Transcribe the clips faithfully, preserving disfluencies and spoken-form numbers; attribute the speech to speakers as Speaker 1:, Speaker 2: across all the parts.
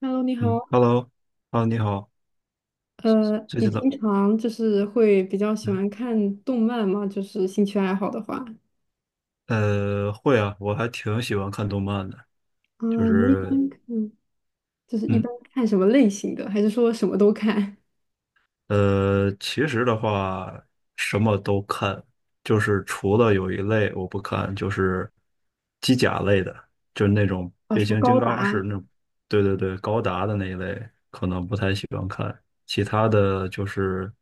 Speaker 1: Hello，你
Speaker 2: 嗯
Speaker 1: 好。
Speaker 2: ，Hello，Hello，你好，
Speaker 1: 呃，
Speaker 2: 最
Speaker 1: 你
Speaker 2: 近怎么
Speaker 1: 平常就是会比较喜
Speaker 2: 嗯，
Speaker 1: 欢看动漫吗？就是兴趣爱好的话，
Speaker 2: 呃，会啊，我还挺喜欢看动漫的，
Speaker 1: 啊、
Speaker 2: 就
Speaker 1: 你一
Speaker 2: 是，
Speaker 1: 般看就是一
Speaker 2: 嗯，
Speaker 1: 般看什么类型的？还是说什么都看？
Speaker 2: 呃，其实的话，什么都看，就是除了有一类我不看，就是机甲类的，就是那种
Speaker 1: 啊，
Speaker 2: 变
Speaker 1: 什么
Speaker 2: 形金
Speaker 1: 高
Speaker 2: 刚式
Speaker 1: 达？
Speaker 2: 那种，对对对，高达的那一类，可能不太喜欢看。其他的就是，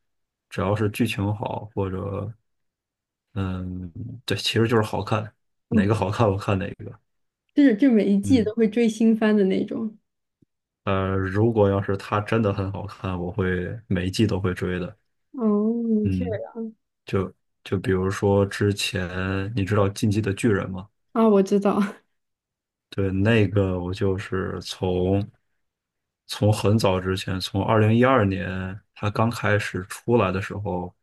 Speaker 2: 只要是剧情好，或者，嗯，对，其实就是好看，哪
Speaker 1: 嗯，
Speaker 2: 个好看我看哪个，
Speaker 1: 就是就每一季
Speaker 2: 嗯。
Speaker 1: 都会追新番的那种。
Speaker 2: 呃，如果要是它真的很好看，我会每一季都会追的。
Speaker 1: 哦，是
Speaker 2: 嗯，就比如说之前你知道《进击的巨人》吗？
Speaker 1: 啊，我知道，
Speaker 2: 对，那个我就是从从很早之前，从二零一二年它刚开始出来的时候，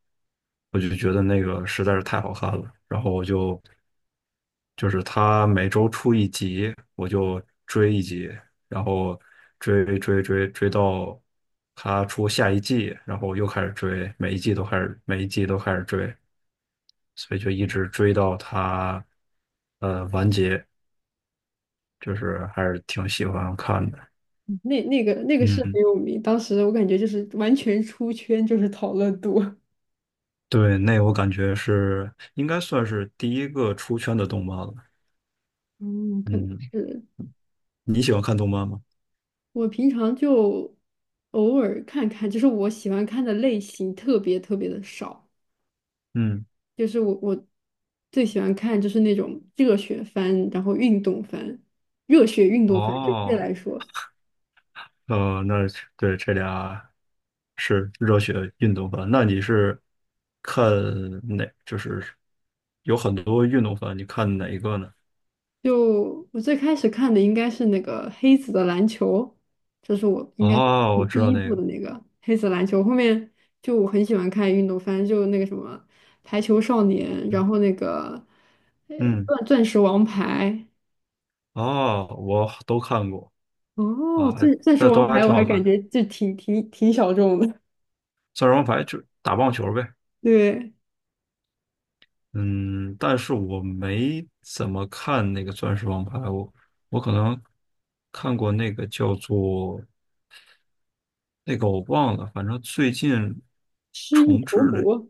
Speaker 2: 我就觉得那个实在是太好看了，然后我就就是他每周出一集，我就追一集，然后追追追追到他出下一季，然后又开始追，每一季都开始，每一季都开始追，所以就一直追到他呃完结，就是还是挺喜欢看的。
Speaker 1: 那那个那个是很
Speaker 2: 嗯，
Speaker 1: 有名，当时我感觉就是完全出圈，就是讨论度。
Speaker 2: 对，那我感觉是应该算是第一个出圈的动漫了。
Speaker 1: 嗯，可能
Speaker 2: 嗯，
Speaker 1: 是。
Speaker 2: 你喜欢看动漫吗？
Speaker 1: 我平常就偶尔看看，就是我喜欢看的类型特别特别的少。
Speaker 2: 嗯，
Speaker 1: 就是我我最喜欢看就是那种热血番，然后运动番，热血运动番准确
Speaker 2: 哦。
Speaker 1: 来说，
Speaker 2: 呃，那是对这俩是热血运动番。那你是看哪？就是有很多运动番，你看哪一个呢？
Speaker 1: 就我最开始看的应该是那个黑子的篮球，这是我应该是
Speaker 2: 哦，我
Speaker 1: 看
Speaker 2: 知
Speaker 1: 第
Speaker 2: 道
Speaker 1: 一
Speaker 2: 那
Speaker 1: 部
Speaker 2: 个，
Speaker 1: 的那个黑子篮球。后面就我很喜欢看运动番，就那个什么排球少年，然后那个呃
Speaker 2: 嗯，
Speaker 1: 钻钻石王牌。
Speaker 2: 哦，我都看过
Speaker 1: 哦，
Speaker 2: 啊，还
Speaker 1: 钻钻石
Speaker 2: 但
Speaker 1: 王
Speaker 2: 都还
Speaker 1: 牌
Speaker 2: 挺
Speaker 1: 我还
Speaker 2: 好看
Speaker 1: 感
Speaker 2: 的。
Speaker 1: 觉就挺挺挺小众的。
Speaker 2: 钻石王牌就打棒球呗，
Speaker 1: 对，
Speaker 2: 嗯，但是我没怎么看那个钻石王牌，我我可能看过那个叫做那个我忘了，反正最近
Speaker 1: 失忆
Speaker 2: 重
Speaker 1: 头
Speaker 2: 置的。
Speaker 1: 骨，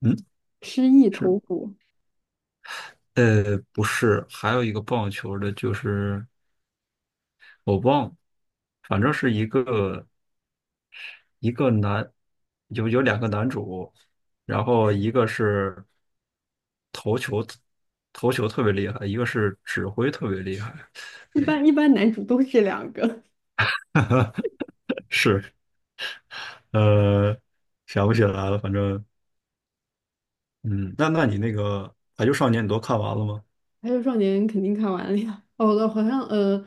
Speaker 2: 嗯。
Speaker 1: 失忆
Speaker 2: 是，
Speaker 1: 头骨，
Speaker 2: 呃，不是，还有一个棒球的，就是我忘了，反正是一个一个男，有有两个男主，然后一个是投球投球特别厉害，一个是指挥特别厉害，
Speaker 1: 一
Speaker 2: 对，
Speaker 1: 般一般男主都是这两个。
Speaker 2: 是，呃，想不起来了，反正，嗯，那那你那个《排球少年》你都看完了吗？
Speaker 1: 还有少年肯定看完了呀。哦，我好像呃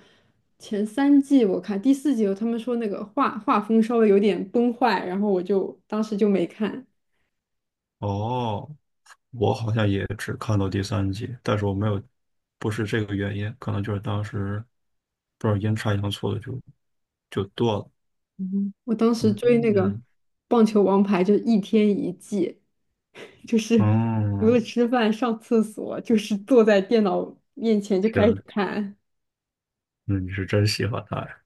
Speaker 1: 前三季我看，第四季有他们说那个画画风稍微有点崩坏，然后我就当时就没看。
Speaker 2: 哦，我好像也只看到第三集，但是我没有，不是这个原因，可能就是当时不知道阴差阳错的就就断了。
Speaker 1: 嗯我当时追那个
Speaker 2: 嗯，
Speaker 1: 棒球王牌就是一天一季，就是除了
Speaker 2: 哦，
Speaker 1: 吃饭上厕所，就是坐在电脑面前就
Speaker 2: 天
Speaker 1: 开始
Speaker 2: 呐，
Speaker 1: 看。
Speaker 2: 那你是真喜欢他呀？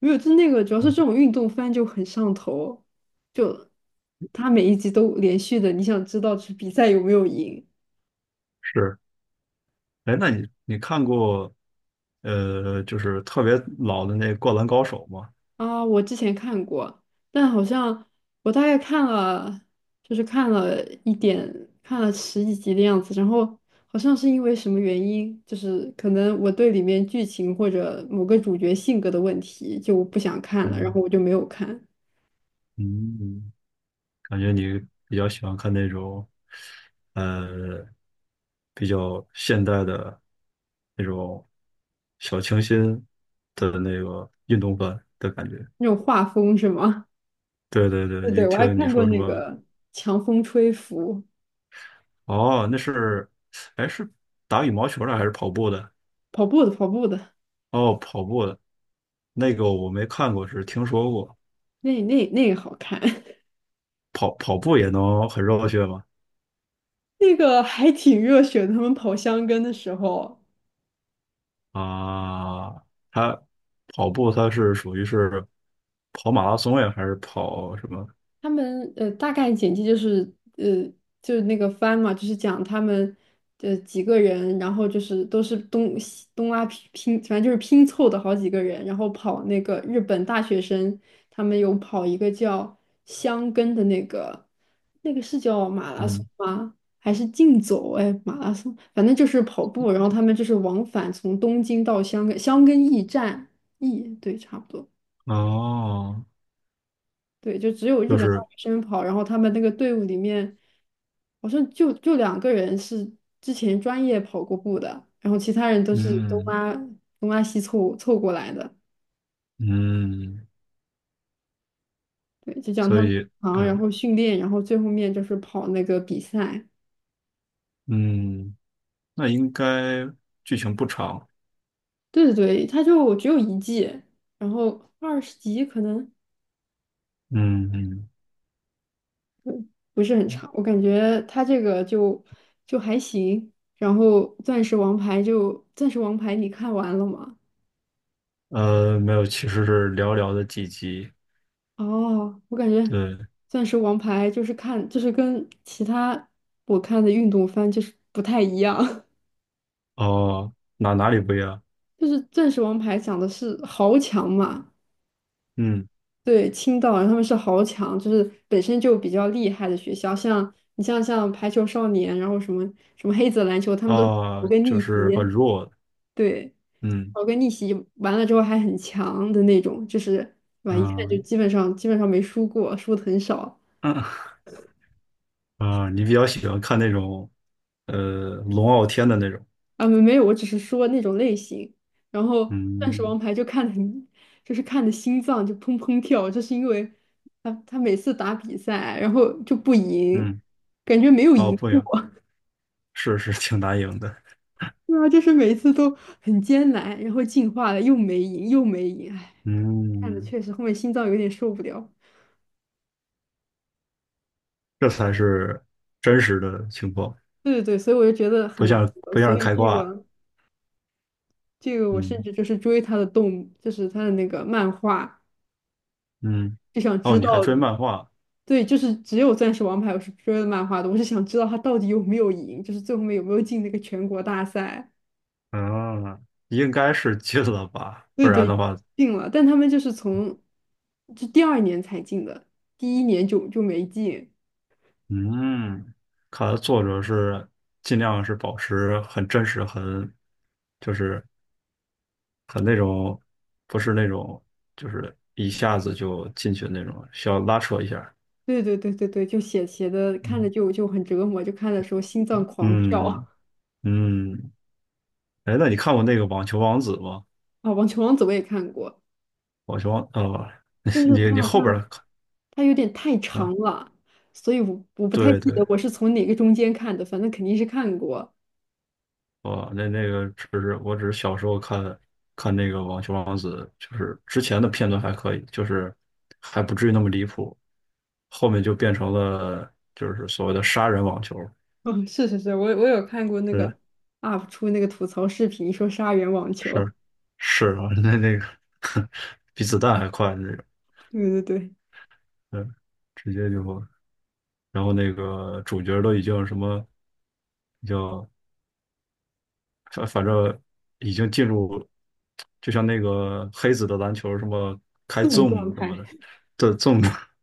Speaker 1: 没有，就那个主要是这种运动番就很上头，就它每一集都连续的，你想知道这比赛有没有赢。
Speaker 2: 是，哎，那你你看过呃，就是特别老的那《灌篮高手》吗？
Speaker 1: 啊？我之前看过，但好像我大概看了，就是看了一点，看了十几集的样子，然后好像是因为什么原因，就是可能我对里面剧情或者某个主角性格的问题就不想看了，然
Speaker 2: 嗯
Speaker 1: 后我就没有看。
Speaker 2: 嗯，感觉你比较喜欢看那种，呃，比较现代的那种小清新的那个运动版的感觉。
Speaker 1: 那种画风是吗？
Speaker 2: 对对 对，
Speaker 1: 对
Speaker 2: 就
Speaker 1: 对，我还
Speaker 2: 听你
Speaker 1: 看过
Speaker 2: 说什
Speaker 1: 那
Speaker 2: 么，
Speaker 1: 个《强风吹拂》。
Speaker 2: 哦，那是，哎，是打羽毛球的还是跑步的？
Speaker 1: 跑步的，跑步的，
Speaker 2: 哦，跑步的，那个我没看过，只是听说过。
Speaker 1: 那那那个好看，
Speaker 2: 跑跑步也能很热血吗？
Speaker 1: 那个还挺热血的。他们跑箱根的时候，
Speaker 2: 啊，他跑步他是属于是跑马拉松呀，还是跑什么？
Speaker 1: 他们呃大概简介就是呃就是那个番嘛，就是讲他们呃几个人，然后就是都是东西东拉拼拼，反正就是拼凑的好几个人，然后跑那个日本大学生，他们有跑一个叫箱根的那个，那个是叫马拉松
Speaker 2: 嗯，
Speaker 1: 吗？还是竞走？哎，马拉松，反正就是跑步，然后他们就是往返从东京到香根，箱根驿站，驿，对，差不多。
Speaker 2: 哦，
Speaker 1: 对，就只有日
Speaker 2: 就
Speaker 1: 本大
Speaker 2: 是
Speaker 1: 学生跑，然后他们那个队伍里面，好像就就两个人是之前专业跑过步的，然后其他人都是东
Speaker 2: 嗯
Speaker 1: 拉东拉西凑凑过来的。
Speaker 2: 嗯，
Speaker 1: 对，就讲他
Speaker 2: 所
Speaker 1: 们
Speaker 2: 以
Speaker 1: 忙，然
Speaker 2: 嗯
Speaker 1: 后训练，然后最后面就是跑那个比赛。
Speaker 2: 嗯，那应该剧情不长，
Speaker 1: 对对对，他就只有一季，然后二十集可能
Speaker 2: 嗯嗯。
Speaker 1: 不是很长，我感觉他这个就就还行。然后钻石王牌就钻石王牌，你看完了吗？
Speaker 2: 呃，没有，其实是寥寥的几集。
Speaker 1: 哦，我感觉
Speaker 2: 对，
Speaker 1: 钻石王牌就是看，就是跟其他我看的运动番就是不太一样，
Speaker 2: 哦，哪哪里不一样？
Speaker 1: 就是钻石王牌讲的是豪强嘛，
Speaker 2: 嗯，
Speaker 1: 对，青岛人他们是豪强，就是本身就比较厉害的学校，像你像像排球少年，然后什么什么黑子篮球，他们都是
Speaker 2: 啊，
Speaker 1: 个
Speaker 2: 就
Speaker 1: 逆
Speaker 2: 是很
Speaker 1: 袭，
Speaker 2: 弱。
Speaker 1: 对，
Speaker 2: 嗯
Speaker 1: 搞个逆袭完了之后还很强的那种，就是对吧？一看就
Speaker 2: 嗯，
Speaker 1: 基本上基本上没输过，输的很少。
Speaker 2: 啊，你比较喜欢看那种，呃，龙傲天的那种，
Speaker 1: 啊，没没有，我只是说那种类型。然后《钻石
Speaker 2: 嗯
Speaker 1: 王牌》就看得很，就是看的心脏就砰砰跳，就是因为他他每次打比赛，然后就不赢，
Speaker 2: 嗯，
Speaker 1: 感觉没有
Speaker 2: 哦，
Speaker 1: 赢
Speaker 2: 不
Speaker 1: 过。
Speaker 2: 行，是，是挺难赢的，
Speaker 1: 对啊，就是每次都很艰难，然后进化了又没赢，又没赢，哎，看的
Speaker 2: 嗯，
Speaker 1: 确实后面心脏有点受不了。
Speaker 2: 这才是真实的情况，
Speaker 1: 对对对，所以我就觉得很
Speaker 2: 不
Speaker 1: 难
Speaker 2: 像
Speaker 1: 得，
Speaker 2: 不像
Speaker 1: 所
Speaker 2: 是
Speaker 1: 以
Speaker 2: 开
Speaker 1: 这
Speaker 2: 挂，
Speaker 1: 个这个我甚
Speaker 2: 嗯
Speaker 1: 至就是追他的动，就是他的那个漫画，
Speaker 2: 嗯，
Speaker 1: 就想
Speaker 2: 哦，
Speaker 1: 知
Speaker 2: 你
Speaker 1: 道。
Speaker 2: 还追漫画，
Speaker 1: 对，就是只有《钻石王牌》我是追的漫画的，我是想知道他到底有没有赢，就是最后面有没有进那个全国大赛。
Speaker 2: 嗯，应该是进了吧，不
Speaker 1: 对
Speaker 2: 然的
Speaker 1: 对，
Speaker 2: 话，
Speaker 1: 进了，但他们就是从就第二年才进的，第一年就就没进。
Speaker 2: 嗯，看来作者是尽量是保持很真实，很就是他那种不是那种，就是一下子就进去的那种，需要拉扯一下。
Speaker 1: 对对对对对，就写写的看着
Speaker 2: 嗯
Speaker 1: 就就很折磨，就看的时候心脏狂跳
Speaker 2: 嗯 嗯，哎，那你看过那个《网球王子》吗？
Speaker 1: 啊！《网球王子》我也看过，
Speaker 2: 《网球王》哦，
Speaker 1: 但 是
Speaker 2: 你
Speaker 1: 它
Speaker 2: 你
Speaker 1: 好
Speaker 2: 后边
Speaker 1: 像
Speaker 2: 儿看，
Speaker 1: 它有点太长
Speaker 2: 啊，
Speaker 1: 了，所以我我不太
Speaker 2: 对
Speaker 1: 记
Speaker 2: 对，
Speaker 1: 得我是从哪个中间看的，反正肯定是看过。
Speaker 2: 哦，那那个只是我只是小时候看看那个《网球王子》，就是之前的片段还可以，就是还不至于那么离谱，后面就变成了就是所谓的杀人网球。
Speaker 1: 嗯，是是是，我我有看过那个
Speaker 2: 嗯。
Speaker 1: U P 出那个吐槽视频，说杀人网球，
Speaker 2: 是 是啊，那那个 比子弹还快的那种，
Speaker 1: 对对对，
Speaker 2: 对，直接就，然后那个主角都已经什么，叫反反正已经进入，就像那个黑子的篮球什么开
Speaker 1: 这种状
Speaker 2: zoom 什么
Speaker 1: 态，
Speaker 2: 的，这 zoom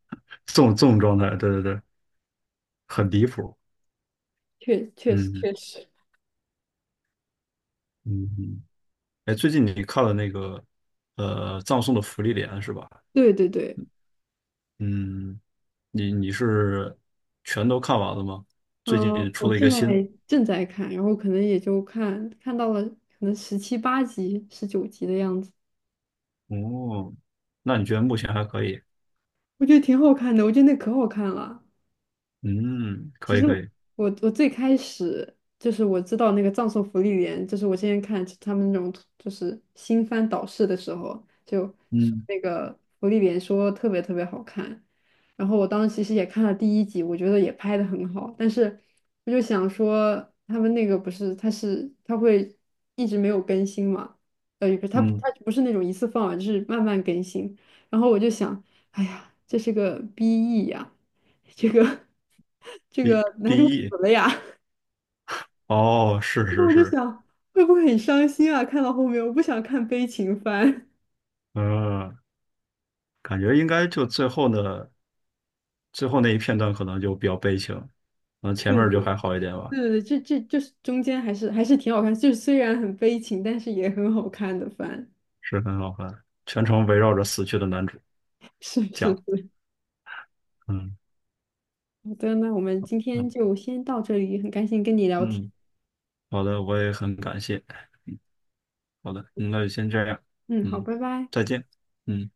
Speaker 2: zoom zoom 状态，对对对，很
Speaker 1: 嗯，
Speaker 2: 离谱，
Speaker 1: 确确实
Speaker 2: 嗯
Speaker 1: 确实，
Speaker 2: 嗯嗯，哎，最近你看了那个呃葬送的芙莉莲是吧？
Speaker 1: 对对对，
Speaker 2: 嗯，你你是全都看完了吗？最近
Speaker 1: 嗯、我
Speaker 2: 出了一个
Speaker 1: 现在
Speaker 2: 新，
Speaker 1: 正在看，然后可能也就看看到了可能十七八集、十九集的样子，
Speaker 2: 哦，那你觉得目前还可以？
Speaker 1: 我觉得挺好看的，我觉得那可好看了。
Speaker 2: 嗯，
Speaker 1: 其
Speaker 2: 可以
Speaker 1: 实
Speaker 2: 可以，
Speaker 1: 我我最开始就是我知道那个葬送福利莲，就是我之前看他们那种就是新番导视的时候，就说
Speaker 2: 嗯
Speaker 1: 那个福利莲说特别特别好看，然后我当时其实也看了第一集，我觉得也拍的很好，但是我就想说他们那个不是它是它会一直没有更新嘛，呃，也不是它
Speaker 2: 嗯
Speaker 1: 它不是那种一次放完，就是慢慢更新，然后我就想，哎呀，这是个 B E 呀。这个 这
Speaker 2: ，B
Speaker 1: 个男主
Speaker 2: B E，
Speaker 1: 死了呀，
Speaker 2: 哦，是是
Speaker 1: 我就
Speaker 2: 是，
Speaker 1: 想会不会很伤心啊？看到后面我不想看悲情番。
Speaker 2: 嗯，感觉应该就最后的最后那一片段可能就比较悲情，嗯，前
Speaker 1: 对
Speaker 2: 面儿就
Speaker 1: 对
Speaker 2: 还好一点吧，
Speaker 1: 对对，对，这这就是中间还是还是挺好看，就是虽然很悲情，但是也很好看的番。
Speaker 2: 是很好看，全程围绕着死去的男主
Speaker 1: 是是
Speaker 2: 讲，
Speaker 1: 是，
Speaker 2: 嗯
Speaker 1: 好的，那我们今天
Speaker 2: 嗯
Speaker 1: 就先到这里，很开心跟你聊天。
Speaker 2: 嗯，好的，我也很感谢，好的，那就先这样，
Speaker 1: 嗯，好，
Speaker 2: 嗯，
Speaker 1: 拜拜。
Speaker 2: 再见，嗯。